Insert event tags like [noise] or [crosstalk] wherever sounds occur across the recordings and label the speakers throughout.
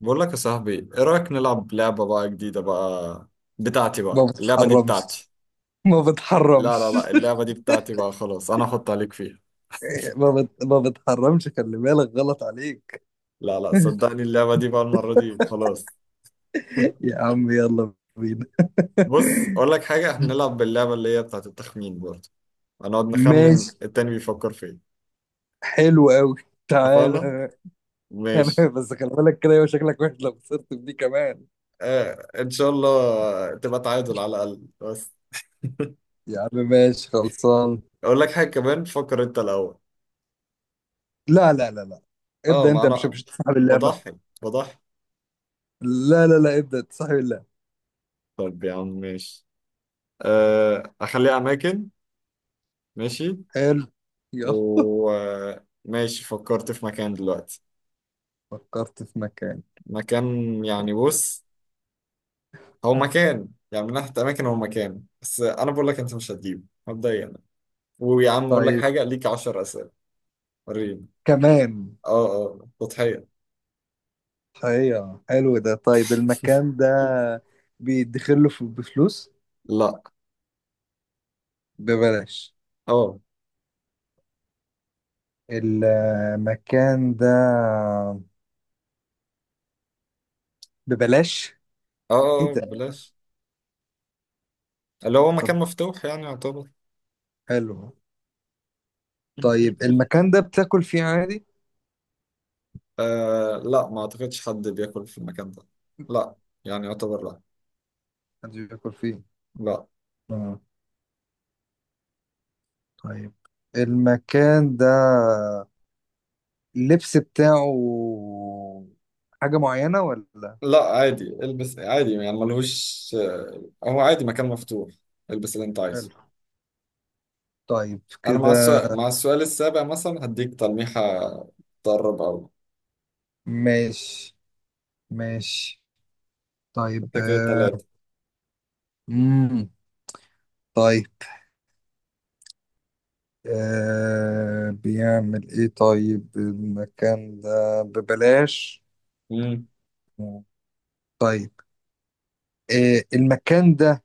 Speaker 1: بقول لك يا صاحبي، ايه رأيك نلعب لعبة بقى جديدة بقى؟ بتاعتي
Speaker 2: ما
Speaker 1: بقى، اللعبة دي
Speaker 2: بتحرمش.
Speaker 1: بتاعتي.
Speaker 2: ما
Speaker 1: لا لا
Speaker 2: بتحرمش.
Speaker 1: لا، اللعبة دي بتاعتي بقى خلاص، انا احط عليك فيها.
Speaker 2: ما بتحرمش، خلي بالك غلط عليك.
Speaker 1: لا لا، صدقني
Speaker 2: [laughs]
Speaker 1: اللعبة دي بقى المرة دي خلاص. [laughs]
Speaker 2: يا عم يلا بينا.
Speaker 1: بص، اقول لك حاجة، احنا نلعب باللعبة اللي هي بتاعت التخمين برضه. هنقعد نخمن
Speaker 2: ماشي.
Speaker 1: التاني بيفكر في ايه.
Speaker 2: حلو قوي.
Speaker 1: اتفقنا.
Speaker 2: تعالى. [laughs] انا
Speaker 1: ماشي.
Speaker 2: بس خلي بالك كده، يبقى شكلك وحش لو خسرت في دي كمان.
Speaker 1: آه ان شاء الله تبقى تعادل على الاقل بس.
Speaker 2: يا عم ماشي خلصان.
Speaker 1: اقول لك حاجة كمان، فكر انت الاول.
Speaker 2: لا لا لا لا،
Speaker 1: اه،
Speaker 2: ابدأ
Speaker 1: ما
Speaker 2: انت، مش
Speaker 1: انا
Speaker 2: مش تصاحب اللعبة.
Speaker 1: بضحي بضحي.
Speaker 2: لا لا لا، ابدأ تصاحب اللعبة.
Speaker 1: طب يا عم ماشي. آه، اخليها اماكن. ماشي.
Speaker 2: حلو. يلا.
Speaker 1: وماشي فكرت في مكان دلوقتي.
Speaker 2: فكرت في مكان.
Speaker 1: مكان، يعني بص، هو مكان يعني من ناحية اماكن، هو مكان، بس انا بقول لك انت مش هتجيبه مبدئيا. ويا عم اقول لك
Speaker 2: طيب.
Speaker 1: حاجة، ليك 10 اسئلة. وريني.
Speaker 2: كمان.
Speaker 1: اه اه تضحية.
Speaker 2: ايوه حلو ده. طيب
Speaker 1: [laughs]
Speaker 2: المكان ده بيدخله بفلوس،
Speaker 1: لا.
Speaker 2: ببلاش؟
Speaker 1: اه
Speaker 2: المكان ده ببلاش؟
Speaker 1: اه.
Speaker 2: ايه
Speaker 1: آه، آه،
Speaker 2: ده.
Speaker 1: بلاش. اللي هو
Speaker 2: طب.
Speaker 1: مكان مفتوح يعني يعتبر. [laughs]
Speaker 2: حلو. طيب المكان ده بتاكل فيه عادي؟
Speaker 1: آه لا، ما اعتقدش حد بياكل في المكان ده. لا، يعني يعتبر لا.
Speaker 2: محدش بياكل فيه؟
Speaker 1: لا
Speaker 2: اه. طيب. المكان ده اللبس بتاعه حاجة معينة ولا؟
Speaker 1: لا، عادي البس عادي يعني ملهوش. هو عادي مكان مفتوح، البس اللي انت عايزه.
Speaker 2: حلو. طيب
Speaker 1: انا مع
Speaker 2: كده.
Speaker 1: السؤال مع السؤال السابع مثلا هديك تلميحة. تقرب اوي.
Speaker 2: ماشي ماشي. طيب.
Speaker 1: انت كده تلاتة.
Speaker 2: امم. طيب، آه، بيعمل ايه طيب المكان ده ببلاش؟
Speaker 1: امم.
Speaker 2: طيب، آه، المكان ده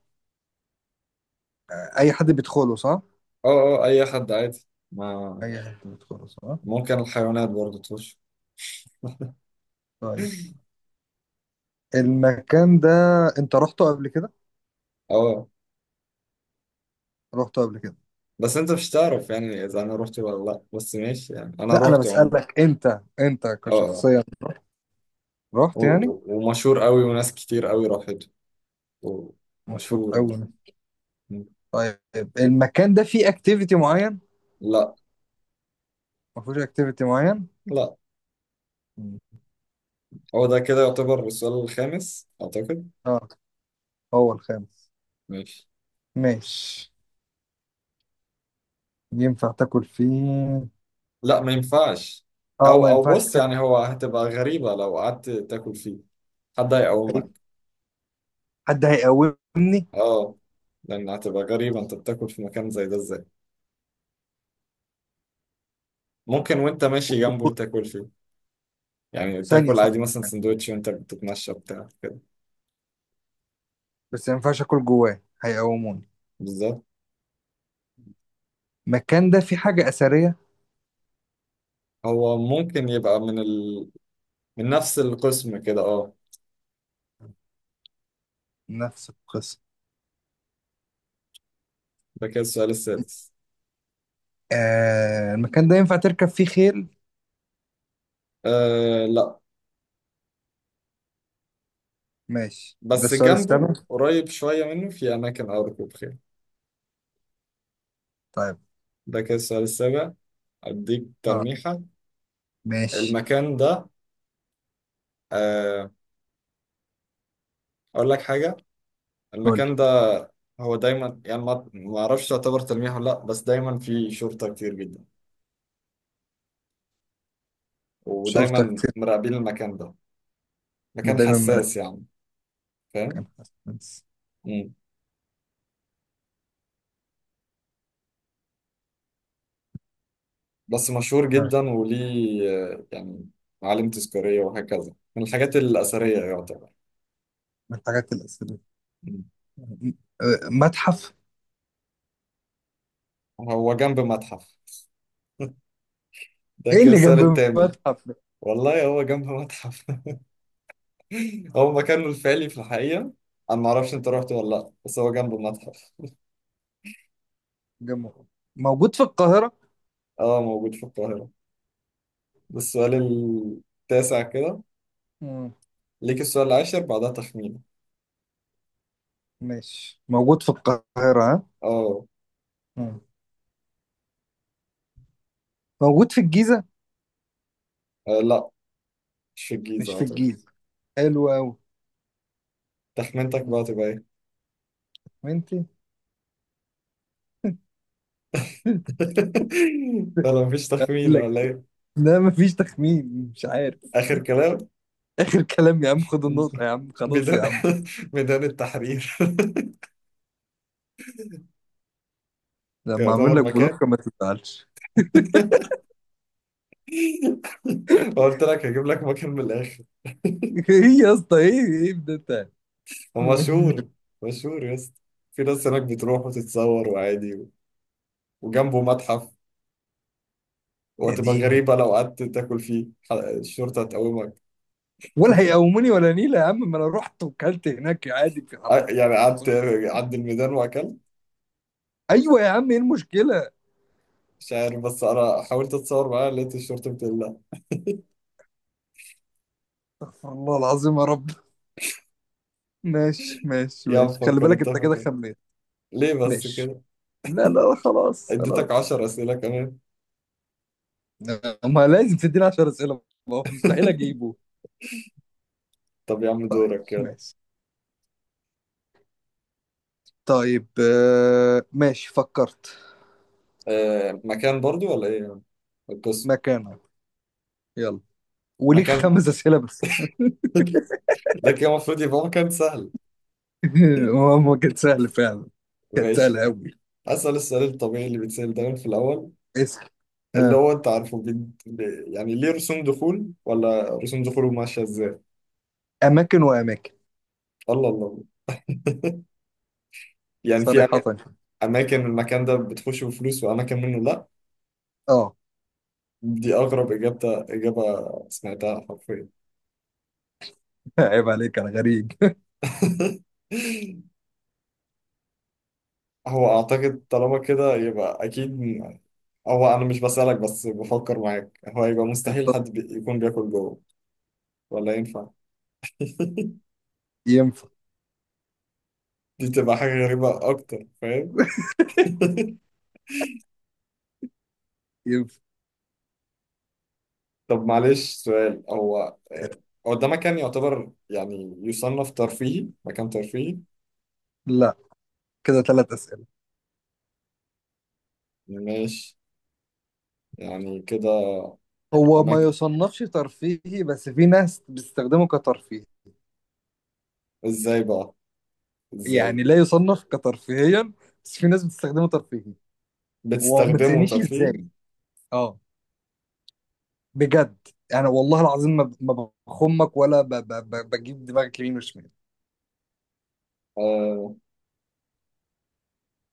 Speaker 2: اي حد بيدخله صح؟
Speaker 1: اه اه اي حد عادي ما.
Speaker 2: اي حد بيدخله صح.
Speaker 1: ممكن الحيوانات برضه تخش.
Speaker 2: طيب.
Speaker 1: [laughs]
Speaker 2: المكان ده انت رحته قبل كده؟
Speaker 1: اه،
Speaker 2: رحته قبل كده؟
Speaker 1: بس انت مش تعرف يعني اذا انا روحت ولا لا، بس ماشي يعني انا
Speaker 2: لا انا
Speaker 1: روحت عموما.
Speaker 2: بسألك انت، انت
Speaker 1: اه اه،
Speaker 2: كشخصيا رحت يعني.
Speaker 1: ومشهور قوي وناس كتير قوي راحت.
Speaker 2: مشهور
Speaker 1: ومشهور
Speaker 2: قوي.
Speaker 1: يعني. مم.
Speaker 2: طيب المكان ده فيه اكتيفيتي معين؟
Speaker 1: لا
Speaker 2: ما فيهوش اكتيفيتي معين؟
Speaker 1: لا،
Speaker 2: مم.
Speaker 1: هو ده كده يعتبر السؤال الخامس أعتقد.
Speaker 2: اه. هو الخامس.
Speaker 1: ماشي.
Speaker 2: ماشي. ينفع تاكل فيه؟
Speaker 1: لا ما ينفعش.
Speaker 2: اه
Speaker 1: أو
Speaker 2: ما
Speaker 1: أو
Speaker 2: ينفعش.
Speaker 1: بص، يعني هو هتبقى غريبة لو قعدت تاكل فيه. حد هيقومك.
Speaker 2: تاكل. حد هيقومني؟
Speaker 1: اه، لأن هتبقى غريبة أنت بتاكل في مكان زي ده إزاي؟ ممكن وأنت ماشي جنبه
Speaker 2: والدكتور.
Speaker 1: وتاكل فيه. يعني
Speaker 2: ثانية
Speaker 1: تاكل عادي
Speaker 2: ثانية
Speaker 1: مثلا
Speaker 2: ثانية،
Speaker 1: سندوتش وأنت بتتمشى بتاع كده.
Speaker 2: بس ما ينفعش اكل جواه هيقوموني؟
Speaker 1: بالظبط.
Speaker 2: المكان ده فيه حاجة أثرية؟
Speaker 1: هو ممكن يبقى من نفس القسم كده اه.
Speaker 2: نفس القصة.
Speaker 1: ده كده السؤال السادس.
Speaker 2: آه المكان ده ينفع تركب فيه خيل؟
Speaker 1: آه لا،
Speaker 2: ماشي ده
Speaker 1: بس
Speaker 2: السؤال
Speaker 1: جنبه
Speaker 2: السبب.
Speaker 1: قريب شوية منه في أماكن أو ركوب خيل.
Speaker 2: طيب.
Speaker 1: ده كده السؤال السابع. أديك
Speaker 2: اه.
Speaker 1: تلميحة.
Speaker 2: ماشي.
Speaker 1: المكان ده، آه، أقول لك حاجة.
Speaker 2: قول.
Speaker 1: المكان ده، هو دايما يعني ما أعرفش تعتبر تلميح ولا لأ، بس دايما فيه شرطة كتير جدا.
Speaker 2: شرطة
Speaker 1: ودايما
Speaker 2: كتير؟
Speaker 1: مراقبين المكان ده، مكان
Speaker 2: ودايما ملك.
Speaker 1: حساس يعني.
Speaker 2: كان
Speaker 1: فاهم.
Speaker 2: حاسس.
Speaker 1: مم. بس مشهور
Speaker 2: آه،
Speaker 1: جدا وليه، آه، يعني معالم تذكارية وهكذا من الحاجات الأثرية يعتبر.
Speaker 2: من الحاجات الأثرية.
Speaker 1: مم.
Speaker 2: آه، متحف.
Speaker 1: هو جنب متحف. ده
Speaker 2: ايه
Speaker 1: كده
Speaker 2: اللي
Speaker 1: السؤال
Speaker 2: جنب
Speaker 1: الثامن.
Speaker 2: المتحف ده؟
Speaker 1: والله هو جنب متحف، هو مكانه الفعلي في الحقيقة. أنا معرفش أنت رحت ولا لأ، بس هو جنبه المتحف.
Speaker 2: جنبه. موجود في القاهرة؟
Speaker 1: أه موجود في القاهرة. ده السؤال التاسع كده.
Speaker 2: مم.
Speaker 1: ليك السؤال العاشر بعدها تخمين.
Speaker 2: ماشي موجود في القاهرة ها.
Speaker 1: أه.
Speaker 2: مم. موجود في الجيزة؟
Speaker 1: آه، لأ مش في الجيزة
Speaker 2: مش في
Speaker 1: أعتقد.
Speaker 2: الجيزة. حلو أوي.
Speaker 1: تخمينتك بقى تبقى إيه؟
Speaker 2: وأنت. [laughs]
Speaker 1: [laughs] ولا مفيش تخمين
Speaker 2: لك.
Speaker 1: ولا إيه؟
Speaker 2: لا مفيش تخمين، مش عارف.
Speaker 1: آخر كلام.
Speaker 2: آخر كلام يا عم، خد
Speaker 1: [laughs]
Speaker 2: النقطة يا عم، خلاص
Speaker 1: ميدان.
Speaker 2: يا عم.
Speaker 1: [laughs] ميدان التحرير. [laughs]
Speaker 2: لما أعمل
Speaker 1: يعتبر
Speaker 2: لك
Speaker 1: مكان.
Speaker 2: بلوك ما تزعلش.
Speaker 1: [laughs] قلت لك هجيب لك مكان من الآخر.
Speaker 2: [laughs] إيه يا اسطى، إيه إيه ده ده.
Speaker 1: ومشهور مشهور
Speaker 2: [laughs]
Speaker 1: مشهور يا اسطى. في ناس هناك بتروح وتتصور وعادي. وجنبه متحف.
Speaker 2: يا
Speaker 1: وهتبقى
Speaker 2: ديني،
Speaker 1: غريبة لو قعدت تاكل فيه، الشرطة هتقومك.
Speaker 2: ولا هيقوموني ولا نيلة يا عم، ما أنا رحت وكلت هناك عادي في
Speaker 1: يعني قعدت
Speaker 2: الرصيف.
Speaker 1: عند الميدان وأكلت.
Speaker 2: أيوة يا عم إيه المشكلة.
Speaker 1: مش عارف، بس أنا حاولت أتصور معاه لقيت الشرطة بتقول لا.
Speaker 2: الله العظيم يا رب. ماشي ماشي
Speaker 1: يا
Speaker 2: ماشي، خلي
Speaker 1: مفكر
Speaker 2: بالك
Speaker 1: أنت
Speaker 2: أنت كده
Speaker 1: فاكر
Speaker 2: خميت.
Speaker 1: ليه بس
Speaker 2: ماشي.
Speaker 1: كده؟
Speaker 2: لا لا لا، خلاص
Speaker 1: اديتك
Speaker 2: خلاص.
Speaker 1: عشر أسئلة كمان.
Speaker 2: ما لازم تديني 10 اسئله، ما هو مستحيل
Speaker 1: [laughs]
Speaker 2: اجيبه.
Speaker 1: طب يا عم
Speaker 2: طيب
Speaker 1: دورك يلا.
Speaker 2: ماشي. طيب آه، ماشي فكرت.
Speaker 1: أه مكان برضو ولا إيه القصة؟
Speaker 2: مكانك. يلا. وليك
Speaker 1: مكان.
Speaker 2: 5 اسئله بس.
Speaker 1: [laughs] ده كده المفروض يبقى مكان سهل.
Speaker 2: [laughs] هو كانت سهله فعلا. كانت سهله
Speaker 1: ماشي.
Speaker 2: قوي.
Speaker 1: أسأل السؤال الطبيعي اللي بيتسأل دايما في الأول.
Speaker 2: اسال.
Speaker 1: اللي
Speaker 2: آه.
Speaker 1: هو انت عارفه، يعني ليه رسوم دخول ولا رسوم دخوله ماشيه ازاي؟
Speaker 2: اماكن واماكن.
Speaker 1: الله الله. يعني في
Speaker 2: صريحه.
Speaker 1: اماكن المكان ده بتخش بفلوس واماكن منه لا.
Speaker 2: اه.
Speaker 1: دي اغرب اجابه سمعتها حرفيا.
Speaker 2: [laughs] عيب عليك، انا غريب.
Speaker 1: [laughs] هو اعتقد طالما كده يبقى اكيد هو انا مش بسألك بس بفكر معاك، هو يبقى مستحيل حد
Speaker 2: [laughs]
Speaker 1: يكون بياكل جوه ولا ينفع. [laughs]
Speaker 2: ينفع.
Speaker 1: دي تبقى حاجه غريبه اكتر، فاهم. [laughs]
Speaker 2: ينفع.
Speaker 1: طب معلش، سؤال. هو آه، هو ده مكان يعتبر يعني يصنف ترفيهي؟ مكان ترفيهي؟
Speaker 2: لا، كده 3 اسئله.
Speaker 1: ماشي يعني كده.
Speaker 2: هو ما
Speaker 1: أماكن.
Speaker 2: يصنفش ترفيهي، بس في ناس بتستخدمه كترفيه.
Speaker 1: إزاي بقى، إزاي؟
Speaker 2: يعني لا يصنف كترفيهيا، بس في ناس بتستخدمه ترفيهي. وما
Speaker 1: بتستخدمه
Speaker 2: تسألنيش
Speaker 1: ترفيهي؟
Speaker 2: ازاي. اه. بجد. انا والله العظيم ما بخمك، ولا بجيب دماغك يمين وشمال.
Speaker 1: آه،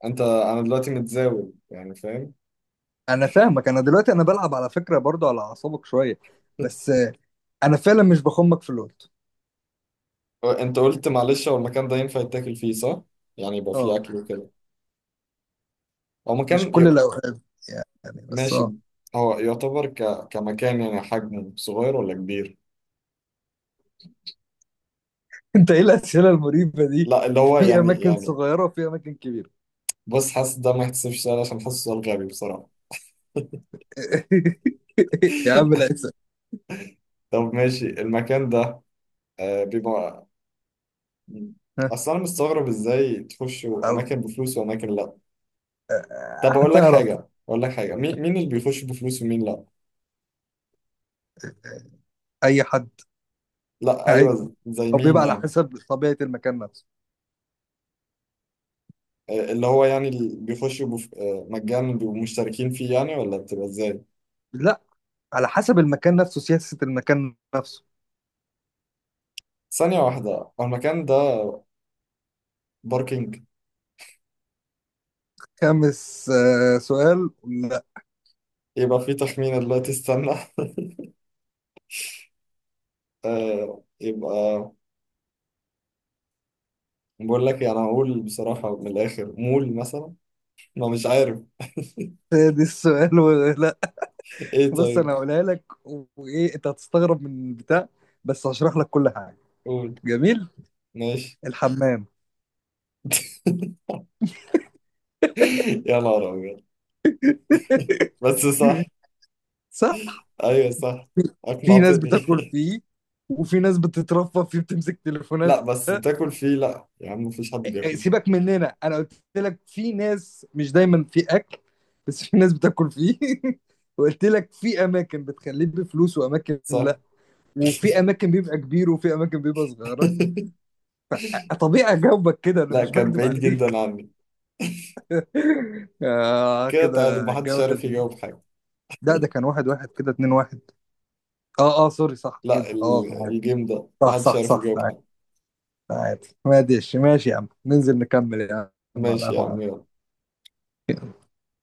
Speaker 1: أنا دلوقتي متزاول يعني فاهم.
Speaker 2: انا فاهمك، انا دلوقتي انا بلعب على فكرة برضو على اعصابك شوية.
Speaker 1: [laughs]
Speaker 2: بس آه، انا فعلا مش بخمك في اللوت.
Speaker 1: هو أنت قلت معلش، هو المكان ده ينفع يتاكل فيه صح؟ يعني يبقى فيه
Speaker 2: اه،
Speaker 1: أكل وكده. هو
Speaker 2: مش
Speaker 1: مكان
Speaker 2: كل الاوقات، يعني، بس
Speaker 1: ماشي.
Speaker 2: اه.
Speaker 1: هو يعتبر كمكان يعني حجمه صغير ولا كبير؟
Speaker 2: [laughs] انت ايه الاسئلة المريبة دي؟
Speaker 1: لا، اللي هو
Speaker 2: في
Speaker 1: يعني
Speaker 2: اماكن
Speaker 1: يعني
Speaker 2: صغيرة وفي اماكن كبيرة.
Speaker 1: بص، حاسس ده ما يحتسبش سؤال عشان حاسس سؤال غبي بصراحة.
Speaker 2: [laughs] يا عم
Speaker 1: [laughs]
Speaker 2: لا، اسأل.
Speaker 1: طب ماشي. المكان ده آه بيبقى،
Speaker 2: ها،
Speaker 1: اصل انا مستغرب ازاي تخشوا
Speaker 2: عارف.
Speaker 1: اماكن بفلوس واماكن لا. طب
Speaker 2: آه،
Speaker 1: اقول لك
Speaker 2: هتعرف.
Speaker 1: حاجه اقول لك حاجه مين اللي بيخش بفلوس ومين لا؟
Speaker 2: اي حد
Speaker 1: لا
Speaker 2: عادي،
Speaker 1: ايوه، زي
Speaker 2: او
Speaker 1: مين
Speaker 2: بيبقى على
Speaker 1: يعني؟
Speaker 2: حسب طبيعة المكان نفسه.
Speaker 1: آه، اللي هو يعني اللي بيخشوا آه، مجانا بيبقوا مشتركين فيه يعني ولا بتبقى ازاي؟
Speaker 2: لا، على حسب المكان نفسه، سياسة المكان نفسه.
Speaker 1: ثانيه واحده. هو المكان ده باركينج؟
Speaker 2: خامس آه، سؤال. لا.
Speaker 1: يبقى فيه تخمينه دلوقتي، استنى. [laughs] آه، يبقى بقول لك يعني هقول بصراحه من الاخر، مول مثلا. ما مش عارف.
Speaker 2: سادس سؤال. [laughs] لا.
Speaker 1: ايه
Speaker 2: بص انا
Speaker 1: طيب.
Speaker 2: هقولها لك، وايه انت هتستغرب من البتاع، بس هشرح لك كل حاجة.
Speaker 1: قول.
Speaker 2: جميل.
Speaker 1: ماشي.
Speaker 2: الحمام.
Speaker 1: [laughs] يا نهار ابيض!
Speaker 2: [laughs]
Speaker 1: بس صح.
Speaker 2: صح.
Speaker 1: ايوه صح.
Speaker 2: في ناس
Speaker 1: اقنعتني.
Speaker 2: بتاكل فيه، وفي ناس بتترفه فيه بتمسك
Speaker 1: [laughs]
Speaker 2: تليفونات.
Speaker 1: لا بس
Speaker 2: آه،
Speaker 1: تاكل فيه لا، يا عم مفيش حد بياكل فيه
Speaker 2: سيبك مننا، انا قلت لك في ناس، مش دايما في اكل، بس في ناس بتاكل فيه. [laughs] وقلت لك في اماكن بتخليه بفلوس واماكن،
Speaker 1: صح.
Speaker 2: وفي اماكن بيبقى كبير وفي اماكن بيبقى صغيره.
Speaker 1: [laughs]
Speaker 2: طبيعي اجاوبك كده، انا
Speaker 1: لا،
Speaker 2: مش
Speaker 1: كان
Speaker 2: بكدب
Speaker 1: بعيد جدا
Speaker 2: عليك.
Speaker 1: عني.
Speaker 2: [laughs] آه
Speaker 1: كده تعادل،
Speaker 2: كده.
Speaker 1: محدش
Speaker 2: الجوله
Speaker 1: عارف
Speaker 2: دي.
Speaker 1: يجاوب حاجة.
Speaker 2: لا ده كان واحد واحد كده، اتنين واحد. اه اه سوري، صح
Speaker 1: لا
Speaker 2: كده، اه تعادل.
Speaker 1: الجيم ده
Speaker 2: صح
Speaker 1: محدش
Speaker 2: صح
Speaker 1: عارف
Speaker 2: صح،
Speaker 1: يجاوب
Speaker 2: تعادل.
Speaker 1: حاجة.
Speaker 2: تعادل. ماشي ماشي يا عم، ننزل نكمل يا عم على
Speaker 1: ماشي يا
Speaker 2: القهوه يا
Speaker 1: عم
Speaker 2: عم.
Speaker 1: يلا.